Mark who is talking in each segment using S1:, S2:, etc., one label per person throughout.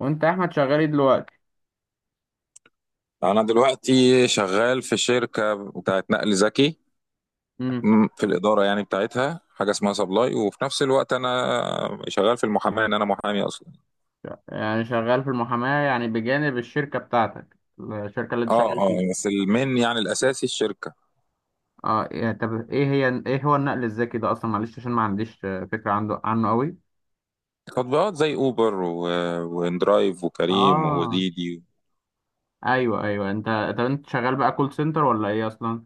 S1: وانت يا احمد شغال ايه دلوقتي؟
S2: انا دلوقتي شغال في شركه بتاعت نقل ذكي.
S1: امم.
S2: في الاداره يعني بتاعتها حاجه اسمها سبلاي، وفي نفس الوقت انا شغال في المحاماه، ان انا محامي اصلا.
S1: يعني شغال في المحاماة، يعني بجانب الشركة بتاعتك، الشركة اللي انت
S2: اه
S1: شغال
S2: اه،
S1: فيها؟
S2: بس المين يعني الاساسي الشركه.
S1: اه، طب، ايه هو النقل الذكي ده اصلا؟ معلش، عشان ما عنديش فكرة عنه قوي.
S2: تطبيقات زي اوبر واندرايف وكريم
S1: اه،
S2: وديدي.
S1: ايوه ايوه، انت. طب انت شغال بقى كول سنتر ولا ايه اصلا؟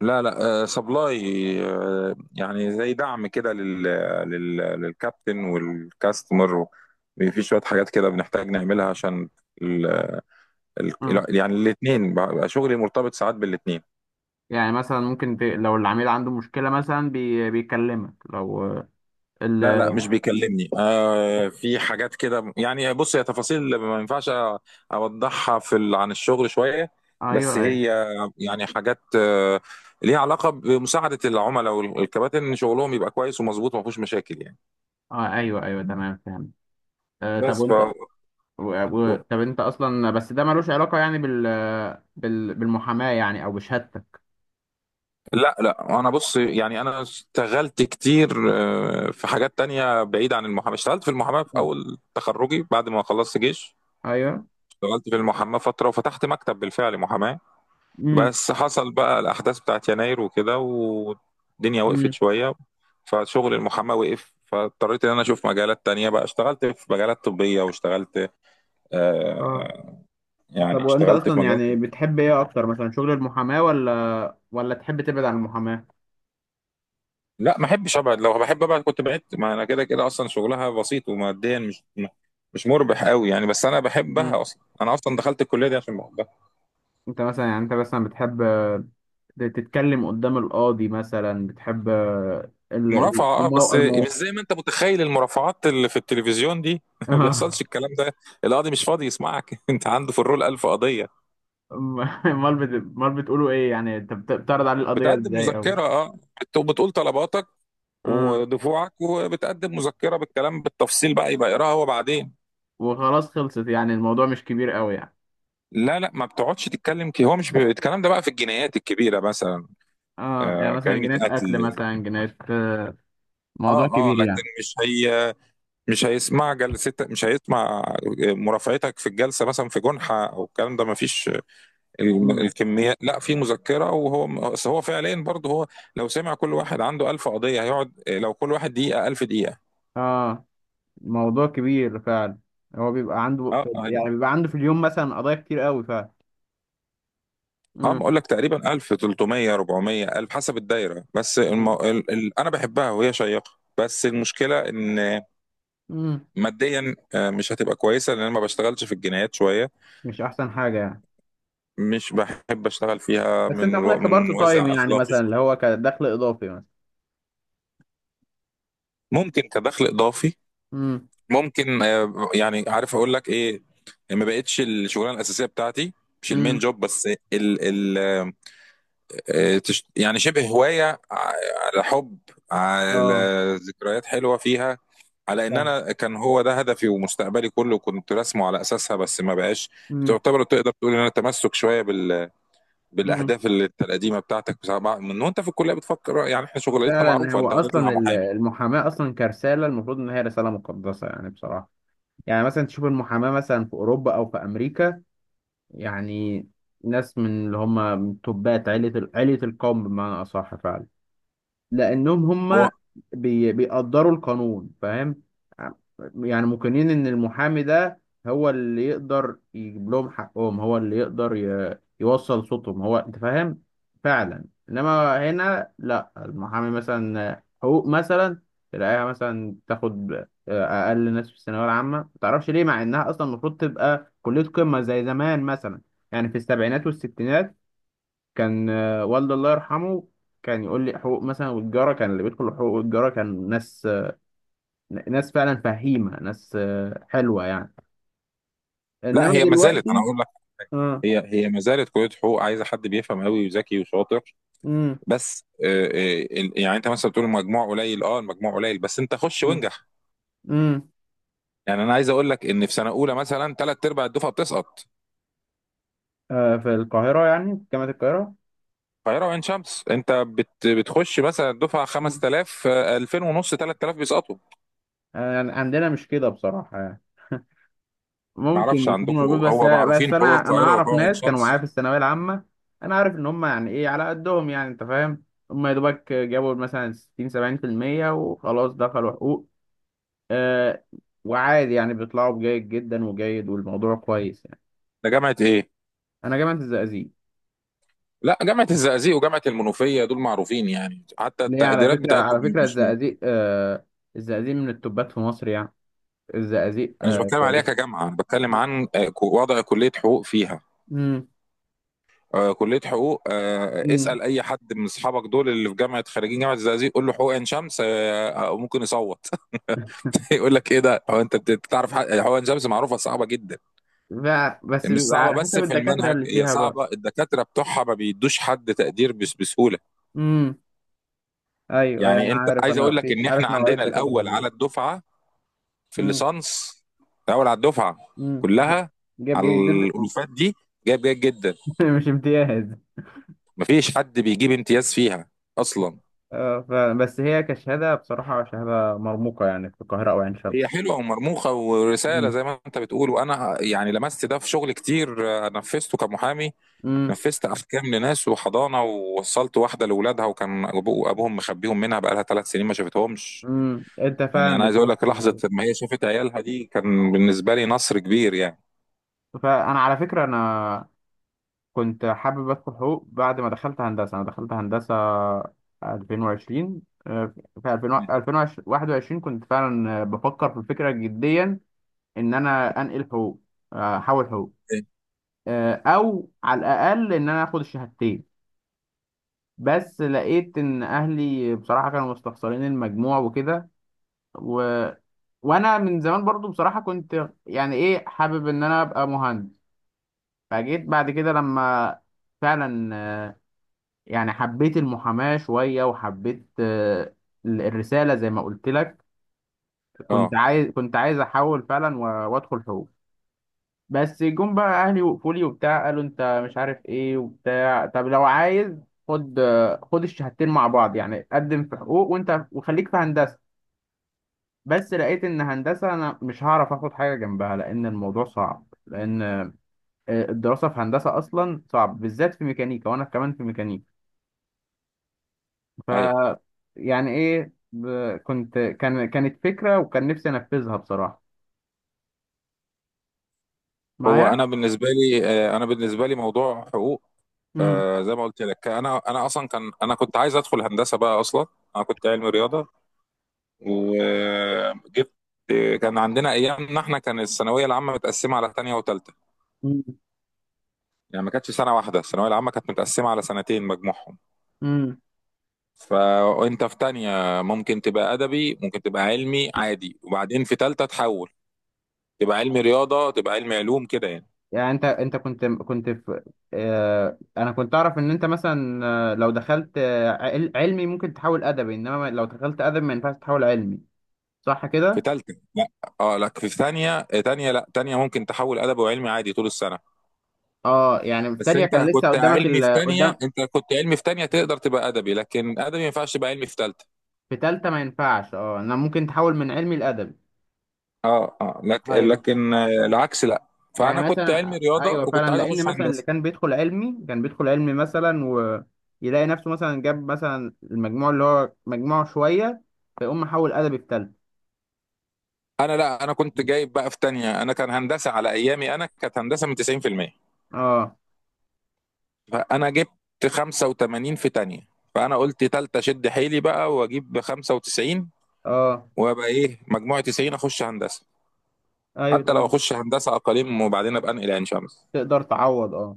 S2: لا لا، سبلاي. يعني زي دعم كده للكابتن والكاستمر. في شويه حاجات كده بنحتاج نعملها عشان ال-
S1: امم.
S2: يعني الاثنين بقى شغلي مرتبط ساعات بالاثنين.
S1: يعني مثلا ممكن لو العميل عنده مشكلة مثلا، بيكلمك لو
S2: لا لا،
S1: ال...
S2: مش بيكلمني، في حاجات كده يعني. بص، هي تفاصيل ما ينفعش اوضحها عن الشغل شوية.
S1: ايوه
S2: بس
S1: ايوه.
S2: هي يعني حاجات ليها علاقة بمساعدة العملاء والكباتن، ان شغلهم يبقى كويس ومظبوط وما فيهوش مشاكل يعني.
S1: آه، ايوه ايوه، تمام فهمت. آه طب،
S2: بس ف
S1: وانت طب انت اصلا، بس ده ملوش علاقة يعني بالمحاماة يعني، او بشهادتك؟
S2: لا لا، انا بص، يعني انا اشتغلت كتير في حاجات تانية بعيدة عن المحاماة. اشتغلت في المحاماة في اول تخرجي بعد ما خلصت جيش،
S1: ايوه.
S2: اشتغلت في المحاماة فترة وفتحت مكتب بالفعل محاماة.
S1: امم،
S2: بس حصل بقى الأحداث بتاعت يناير وكده، والدنيا وقفت
S1: امم.
S2: شوية، فشغل المحاماة وقف، فاضطريت إن أنا أشوف مجالات تانية بقى. اشتغلت في مجالات طبية واشتغلت
S1: اه
S2: آه
S1: طب،
S2: يعني
S1: وانت
S2: اشتغلت في
S1: اصلا
S2: مجالات
S1: يعني بتحب ايه اكتر مثلا، شغل المحاماة ولا تحب تبعد عن المحاماة؟
S2: لا، ما أحبش أبعد، لو بحب أبعد كنت بعدت، ما أنا كده كده أصلا شغلها بسيط وماديا مش مربح قوي يعني، بس أنا بحبها
S1: امم.
S2: أصلا، أنا أصلا دخلت الكلية دي عشان بحبها.
S1: انت مثلا، يعني انت مثلا بتحب تتكلم قدام القاضي مثلا؟ بتحب
S2: مرافعة،
S1: ال-
S2: اه، بس
S1: المو...
S2: مش
S1: المو...
S2: زي ما انت متخيل المرافعات اللي في التلفزيون دي ما
S1: آه.
S2: بيحصلش الكلام ده. القاضي مش فاضي يسمعك انت عنده في الرول ألف قضية.
S1: امال بت... امال بتقولوا ايه؟ يعني انت بتعرض عليه القضية
S2: بتقدم
S1: ازاي، او؟
S2: مذكرة، اه، بتقول طلباتك
S1: امم.
S2: ودفوعك، وبتقدم مذكرة بالكلام بالتفصيل بقى، يبقى يقراها هو بعدين.
S1: وخلاص خلصت؟ يعني الموضوع مش كبير قوي يعني.
S2: لا لا، ما بتقعدش تتكلم، كي هو مش ب... الكلام ده بقى في الجنايات الكبيرة مثلا.
S1: اه، يعني
S2: آه،
S1: مثلا
S2: جريمة
S1: جنيهات اكل،
S2: قتل.
S1: مثلا جنيهات؟
S2: اه
S1: موضوع
S2: اه،
S1: كبير
S2: لكن
S1: يعني.
S2: مش هي، مش هيسمع جلستك، مش هيسمع مرافعتك في الجلسة مثلا في جنحة، او الكلام ده ما فيش
S1: امم.
S2: الكمية. لا، في مذكرة، وهو بس هو فعليا برضه هو، لو سمع كل واحد عنده 1000 قضية هيقعد لو كل واحد دقيقة 1000 دقيقة.
S1: اه، موضوع كبير فعلا. هو بيبقى عنده
S2: اه،
S1: يعني بيبقى عنده في اليوم مثلا قضايا كتير قوي فعلا؟
S2: اه
S1: امم،
S2: بقول لك تقريبا 1000 300 400 1000 حسب الدايرة. بس
S1: امم.
S2: انا بحبها وهي شيقة، بس المشكلة ان
S1: أمم.
S2: ماديا مش هتبقى كويسة، لان انا ما بشتغلش في الجنايات شوية،
S1: مش احسن حاجه يعني؟
S2: مش بحب اشتغل فيها
S1: بس انت واخدها كبارت
S2: من
S1: تايم،
S2: وازع
S1: يعني
S2: اخلاقي
S1: مثلا اللي
S2: شوية.
S1: هو كدخل اضافي مثلا؟
S2: ممكن كدخل اضافي.
S1: امم،
S2: ممكن يعني عارف اقول لك ايه، ما بقتش الشغلانه الاساسيه بتاعتي، مش المين
S1: امم.
S2: جوب بس. ال ال يعني شبه هوايه، ع- على حب، على
S1: اه،
S2: ذكريات حلوه فيها، على ان
S1: فاهم.
S2: انا كان هو ده هدفي ومستقبلي كله كنت راسمه على اساسها، بس ما بقاش.
S1: امم،
S2: تعتبر تقدر تقول ان انا تمسك شويه
S1: امم.
S2: بالاهداف القديمه بتاعتك، من وانت في الكليه بتفكر يعني احنا شغلتنا
S1: فعلا،
S2: معروفه،
S1: هو
S2: انت هتطلع
S1: اصلا
S2: محامي.
S1: المحاماه اصلا كرساله، المفروض ان هي رساله مقدسه يعني بصراحه. يعني مثلا تشوف المحاماه مثلا في اوروبا او في امريكا، يعني ناس من اللي هم، من توبات عيلة القوم بمعنى أصح فعلا. لانهم
S2: هو
S1: هم بيقدروا القانون، فاهم؟ يعني مقنين ان المحامي ده هو اللي يقدر يجيب لهم حقهم، هو اللي يقدر يوصل صوتهم، هو، انت فاهم. فعلا، انما هنا لا، المحامي مثلا حقوق مثلا، تلاقيها مثلا تاخد اقل ناس في الثانويه العامه، ما تعرفش ليه، مع انها اصلا المفروض تبقى كليه قمه زي زمان مثلا. يعني في السبعينات والستينات كان والدي الله يرحمه كان يقول لي حقوق مثلا، والجارة كان اللي بيدخل حقوق، والجارة كان ناس ناس فعلا فهيمة، ناس حلوة يعني،
S2: لا،
S1: انما
S2: هي ما زالت، انا
S1: دلوقتي.
S2: اقول لك،
S1: اه،
S2: هي ما زالت كليه حقوق عايزه حد بيفهم قوي وذكي وشاطر.
S1: امم،
S2: بس يعني انت مثلا بتقول المجموع قليل. اه، المجموع قليل بس انت خش
S1: امم،
S2: وانجح.
S1: امم.
S2: يعني انا عايز اقول لك ان في سنه اولى مثلا ثلاث ارباع الدفعه بتسقط.
S1: في القاهرة يعني، في جامعة القاهرة.
S2: القاهره وعين شمس، انت بتخش مثلا الدفعه
S1: مم.
S2: 5000، 2000 ونص 3000 بيسقطوا.
S1: يعني عندنا مش كده بصراحة، يعني
S2: ما
S1: ممكن
S2: اعرفش
S1: يكون
S2: عندكم،
S1: موجود، بس
S2: هو
S1: بس
S2: معروفين حقوق
S1: انا
S2: القاهره
S1: اعرف
S2: وحقوق عين
S1: ناس كانوا معايا في
S2: شمس.
S1: الثانوية العامة. انا عارف ان هم، يعني ايه، على قدهم، يعني انت فاهم. هم يا دوبك جابوا مثلا 60 70% وخلاص دخلوا حقوق. آه وعادي يعني، بيطلعوا بجيد جدا وجيد، والموضوع كويس يعني.
S2: ده جامعه ايه؟
S1: انا جامعة الزقازيق.
S2: لا، جامعه الزقازيق وجامعه المنوفيه دول معروفين يعني، حتى
S1: ليه؟ على
S2: التقديرات
S1: فكرة،
S2: بتاعتهم مش...
S1: الزقازيق، الزقازيق من التوبات في مصر يعني. الزقازيق،
S2: انا مش بتكلم عليها
S1: كويس.
S2: كجامعه، انا بتكلم عن وضع كليه حقوق فيها.
S1: امم،
S2: كليه حقوق،
S1: امم.
S2: اسال اي حد من اصحابك دول اللي في جامعه، خريجين جامعه الزقازيق، قول له حقوق عين شمس ممكن يصوت يقول لك ايه ده. هو انت بتعرف حقوق عين شمس معروفه صعبه جدا.
S1: بس
S2: مش
S1: بيبقى
S2: صعبه
S1: على
S2: بس
S1: حسب
S2: في
S1: الدكاترة
S2: المنهج،
S1: اللي
S2: هي
S1: فيها بقى.
S2: صعبه، الدكاتره بتوعها ما بيدوش حد تقدير بس بسهوله.
S1: امم، ايوه أيوة،
S2: يعني
S1: انا
S2: انت
S1: عارف،
S2: عايز
S1: انا
S2: اقول لك
S1: في،
S2: ان احنا
S1: عارف نوعية
S2: عندنا
S1: الدكاترة
S2: الاول
S1: اللي.
S2: على الدفعه، في
S1: امم،
S2: الليسانس، الاول على الدفعه
S1: امم.
S2: كلها،
S1: جاب
S2: على
S1: جيد جدا.
S2: الالوفات دي، جايب جيد جدا.
S1: مش امتياز.
S2: مفيش حد بيجيب امتياز فيها اصلا.
S1: اه، بس هي كشهادة بصراحة شهادة مرموقة يعني، في القاهرة او عين
S2: هي
S1: شمس.
S2: حلوه ومرموقه ورساله زي ما انت بتقول، وانا يعني لمست ده في شغل كتير نفذته كمحامي.
S1: امم،
S2: نفذت احكام لناس وحضانه، ووصلت واحده لاولادها، وكان ابوهم مخبيهم منها بقالها 3 سنين ما شافتهمش.
S1: امم. انت
S2: يعني انا
S1: فعلا
S2: عايز اقول
S1: بتحس
S2: لك، لحظه ما هي شافت عيالها دي كان بالنسبه لي نصر كبير يعني.
S1: فانا على فكره، انا كنت حابب ادخل حقوق. بعد ما دخلت هندسه، انا دخلت هندسه 2020. آه، في 2021 كنت فعلا بفكر في الفكره جديا، ان انا انقل حقوق، احول حقوق، او على الاقل ان انا اخد الشهادتين. بس لقيت ان اهلي بصراحه كانوا مستخسرين المجموع وكده، و... وانا من زمان برضو بصراحه كنت يعني ايه، حابب ان انا ابقى مهندس. فجيت بعد كده لما، فعلا يعني حبيت المحاماة شوية، وحبيت الرسالة زي ما قلت لك.
S2: اه
S1: كنت عايز أحول فعلا وأدخل حقوق. بس جم بقى أهلي وقفوا لي وبتاع، قالوا أنت مش عارف إيه وبتاع، طب لو عايز، خد الشهادتين مع بعض، يعني قدم في حقوق، وأنت وخليك في هندسة. بس لقيت إن هندسة أنا مش هعرف آخد حاجة جنبها، لأن الموضوع صعب، لأن الدراسة في هندسة أصلا صعب، بالذات في ميكانيكا، وأنا كمان في ميكانيكا. ف،
S2: اي،
S1: يعني ايه، ب- كنت كان كانت فكرة، وكان نفسي انفذها بصراحة معايا.
S2: انا بالنسبه لي، انا بالنسبه لي موضوع حقوق،
S1: امم.
S2: زي ما قلت لك، انا انا اصلا كان انا كنت عايز ادخل هندسه بقى اصلا. انا كنت علمي رياضه وجبت كان عندنا، ايامنا احنا كان الثانويه العامه متقسمه على ثانيه وثالثه،
S1: مم.
S2: يعني ما كانتش سنه واحده، الثانويه العامه كانت متقسمه على سنتين مجموعهم.
S1: امم،
S2: فانت في تانية ممكن تبقى ادبي، ممكن تبقى علمي عادي، وبعدين في تالتة تحول تبقى علمي رياضه، تبقى علمي علوم كده يعني.
S1: يعني انت كنت في، انا كنت اعرف ان انت مثلا، لو دخلت علمي ممكن تحول ادبي، انما لو دخلت ادبي ما ينفعش تحول علمي، صح
S2: في
S1: كده؟
S2: تالتة لا، اه لا، في ثانية تانية، لا تانية ممكن تحول أدبي وعلمي عادي طول السنة.
S1: اه، يعني في
S2: بس
S1: تانية
S2: أنت
S1: كان لسه
S2: كنت
S1: قدامك
S2: علمي في
S1: قدام.
S2: تانية، أنت كنت علمي في تانية تقدر تبقى أدبي، لكن أدبي ما ينفعش تبقى علمي في تالتة.
S1: في تالتة ما ينفعش، اه. انا ممكن تحول من علمي لادبي.
S2: اه اه،
S1: ايوه،
S2: لكن العكس لا.
S1: يعني
S2: فأنا كنت علمي
S1: مثلا،
S2: رياضة
S1: ايوه
S2: وكنت
S1: فعلا،
S2: عايز
S1: لان
S2: أخش
S1: مثلا اللي
S2: هندسة.
S1: كان بيدخل علمي مثلا، ويلاقي نفسه مثلا جاب مثلا المجموع اللي هو مجموعه شويه، فيقوم محول ادبي في تالتة.
S2: أنا، لا، أنا كنت جايب بقى في تانية، أنا كان هندسة على أيامي، أنا كانت هندسة من 90%.
S1: اه
S2: فأنا جبت 85 في تانية، فأنا قلت تالتة شد حيلي بقى وأجيب 95،
S1: اه،
S2: وأبقى إيه مجموعة 90، أخش هندسة.
S1: ايوه
S2: حتى لو
S1: تمام.
S2: اخش هندسه اقاليم وبعدين ابقى انقل عين شمس.
S1: تقدر تعوض، اه.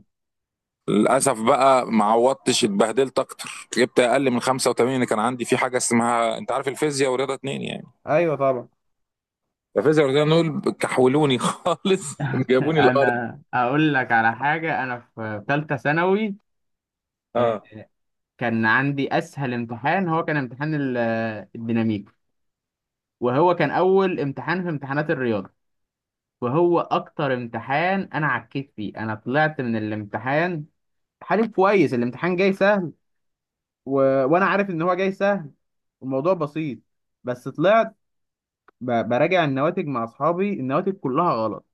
S2: للاسف بقى ما عوضتش، اتبهدلت اكتر، جبت اقل من 85 اللي كان عندي، في حاجه اسمها انت عارف، الفيزياء ورياضه اتنين يعني.
S1: ايوه طبعا.
S2: الفيزياء ورياضه اتنين دول كحولوني خالص، جابوني الارض.
S1: انا اقول لك على حاجه. انا في ثالثه ثانوي آه،
S2: اه
S1: كان عندي اسهل امتحان، هو كان امتحان الديناميك، وهو كان اول امتحان في امتحانات الرياضه، وهو اكتر امتحان انا عكيت فيه. انا طلعت من الامتحان حالي كويس، الامتحان جاي سهل، و... وانا عارف ان هو جاي سهل، الموضوع بسيط. بس طلعت براجع النواتج مع اصحابي، النواتج كلها غلط،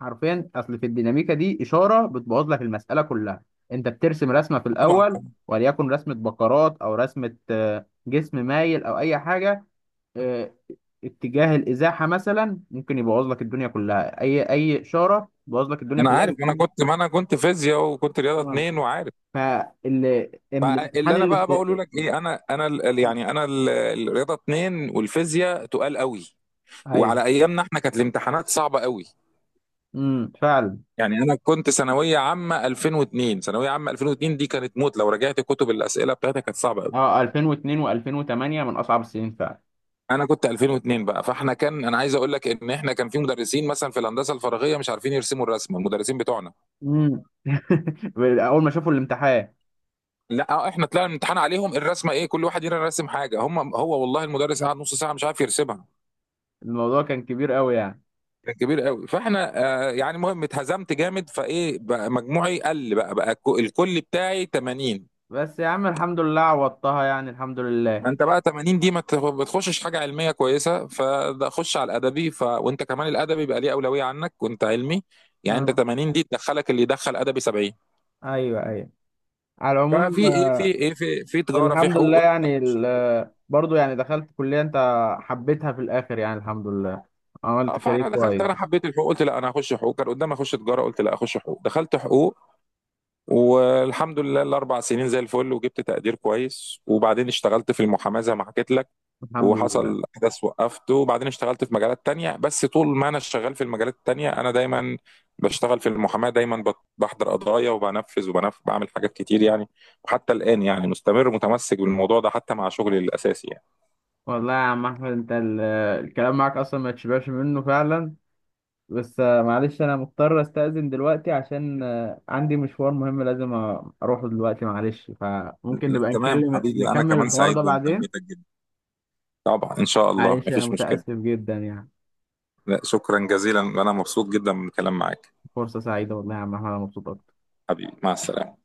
S1: حرفيا. اصل في الديناميكا دي اشاره بتبوظ لك المساله كلها. انت بترسم رسمه في
S2: طبعا
S1: الاول، وليكن رسمه بقرات او رسمه جسم مايل او اي حاجه، آه، اتجاه الازاحه مثلا ممكن يبوظ لك الدنيا كلها. اي اشاره تبوظ لك الدنيا
S2: انا
S1: كلها،
S2: عارف، ما انا
S1: بتجيب.
S2: كنت ما انا كنت فيزياء وكنت رياضه
S1: اه،
S2: اتنين وعارف. فاللي
S1: فالامتحان
S2: انا
S1: اللي
S2: بقى بقوله لك ايه، يعني الرياضه اتنين والفيزياء تقال قوي،
S1: ايوه،
S2: وعلى ايامنا احنا كانت الامتحانات صعبه قوي.
S1: امم، فعلا،
S2: يعني انا كنت ثانويه عامه 2002، ثانويه عامه 2002 دي كانت موت، لو رجعت كتب الاسئله بتاعتها كانت صعبه قوي.
S1: اه، 2002 و2008 من اصعب السنين فعلا.
S2: انا كنت 2002 بقى، فاحنا كان، انا عايز اقول لك ان احنا كان في مدرسين مثلا في الهندسه الفراغيه مش عارفين يرسموا الرسمه، المدرسين بتوعنا.
S1: امم. اول ما شافوا الامتحان،
S2: لا، احنا طلعنا الامتحان عليهم الرسمه ايه، كل واحد يرسم رسم حاجه، هم هو والله المدرس قعد نص ساعه مش عارف يرسمها.
S1: الموضوع كان كبير قوي يعني.
S2: كان كبير قوي، فاحنا يعني المهم اتهزمت جامد، فايه بقى مجموعي قل بقى الكل بتاعي 80.
S1: بس يا عم الحمد لله عوضتها يعني، الحمد
S2: ما
S1: لله.
S2: انت بقى 80 دي، ما تخ- بتخشش حاجه علميه كويسه، فده خش على الادبي. وانت كمان الادبي بقى ليه اولويه عنك وانت علمي، يعني انت
S1: اه،
S2: 80 دي تدخلك اللي يدخل ادبي 70.
S1: ايوه ايوه، على العموم
S2: ففي ايه في تجاره، في
S1: الحمد لله،
S2: حقوق.
S1: يعني برضو يعني دخلت كلية، انت حبيتها في الاخر، يعني الحمد لله،
S2: اه،
S1: عملت كارير
S2: فانا دخلت،
S1: كويس،
S2: انا حبيت الحقوق، قلت لا، انا هخش حقوق. كان قدامي اخش تجاره، قلت لا، اخش حقوق، دخلت حقوق، والحمد لله الاربع سنين زي الفل، وجبت تقدير كويس، وبعدين اشتغلت في المحاماه زي ما حكيت لك.
S1: الحمد لله.
S2: وحصل حدث وقفته، وبعدين اشتغلت في مجالات تانية، بس طول ما انا شغال في المجالات التانية انا دايما بشتغل في المحاماة، دايما بحضر قضايا وبنفذ بعمل حاجات كتير يعني، وحتى الآن يعني مستمر متمسك بالموضوع ده حتى مع شغلي الأساسي يعني.
S1: والله يا عم احمد، انت الكلام معاك اصلا ما تشبعش منه فعلا. بس معلش، انا مضطر استأذن دلوقتي عشان عندي مشوار مهم لازم اروحه دلوقتي، معلش، فممكن
S2: لا
S1: نبقى
S2: تمام
S1: نتكلم،
S2: حبيبي، انا
S1: نكمل
S2: كمان
S1: الحوار
S2: سعيد
S1: ده بعدين.
S2: بمكالمتك جدا، طبعا ان شاء الله
S1: معلش انا
S2: مفيش مشكلة.
S1: متأسف جدا يعني.
S2: لا، شكرا جزيلا، انا مبسوط جدا من الكلام معاك.
S1: فرصة سعيدة والله يا عم احمد، انا مبسوط اكتر.
S2: حبيبي، مع السلامة.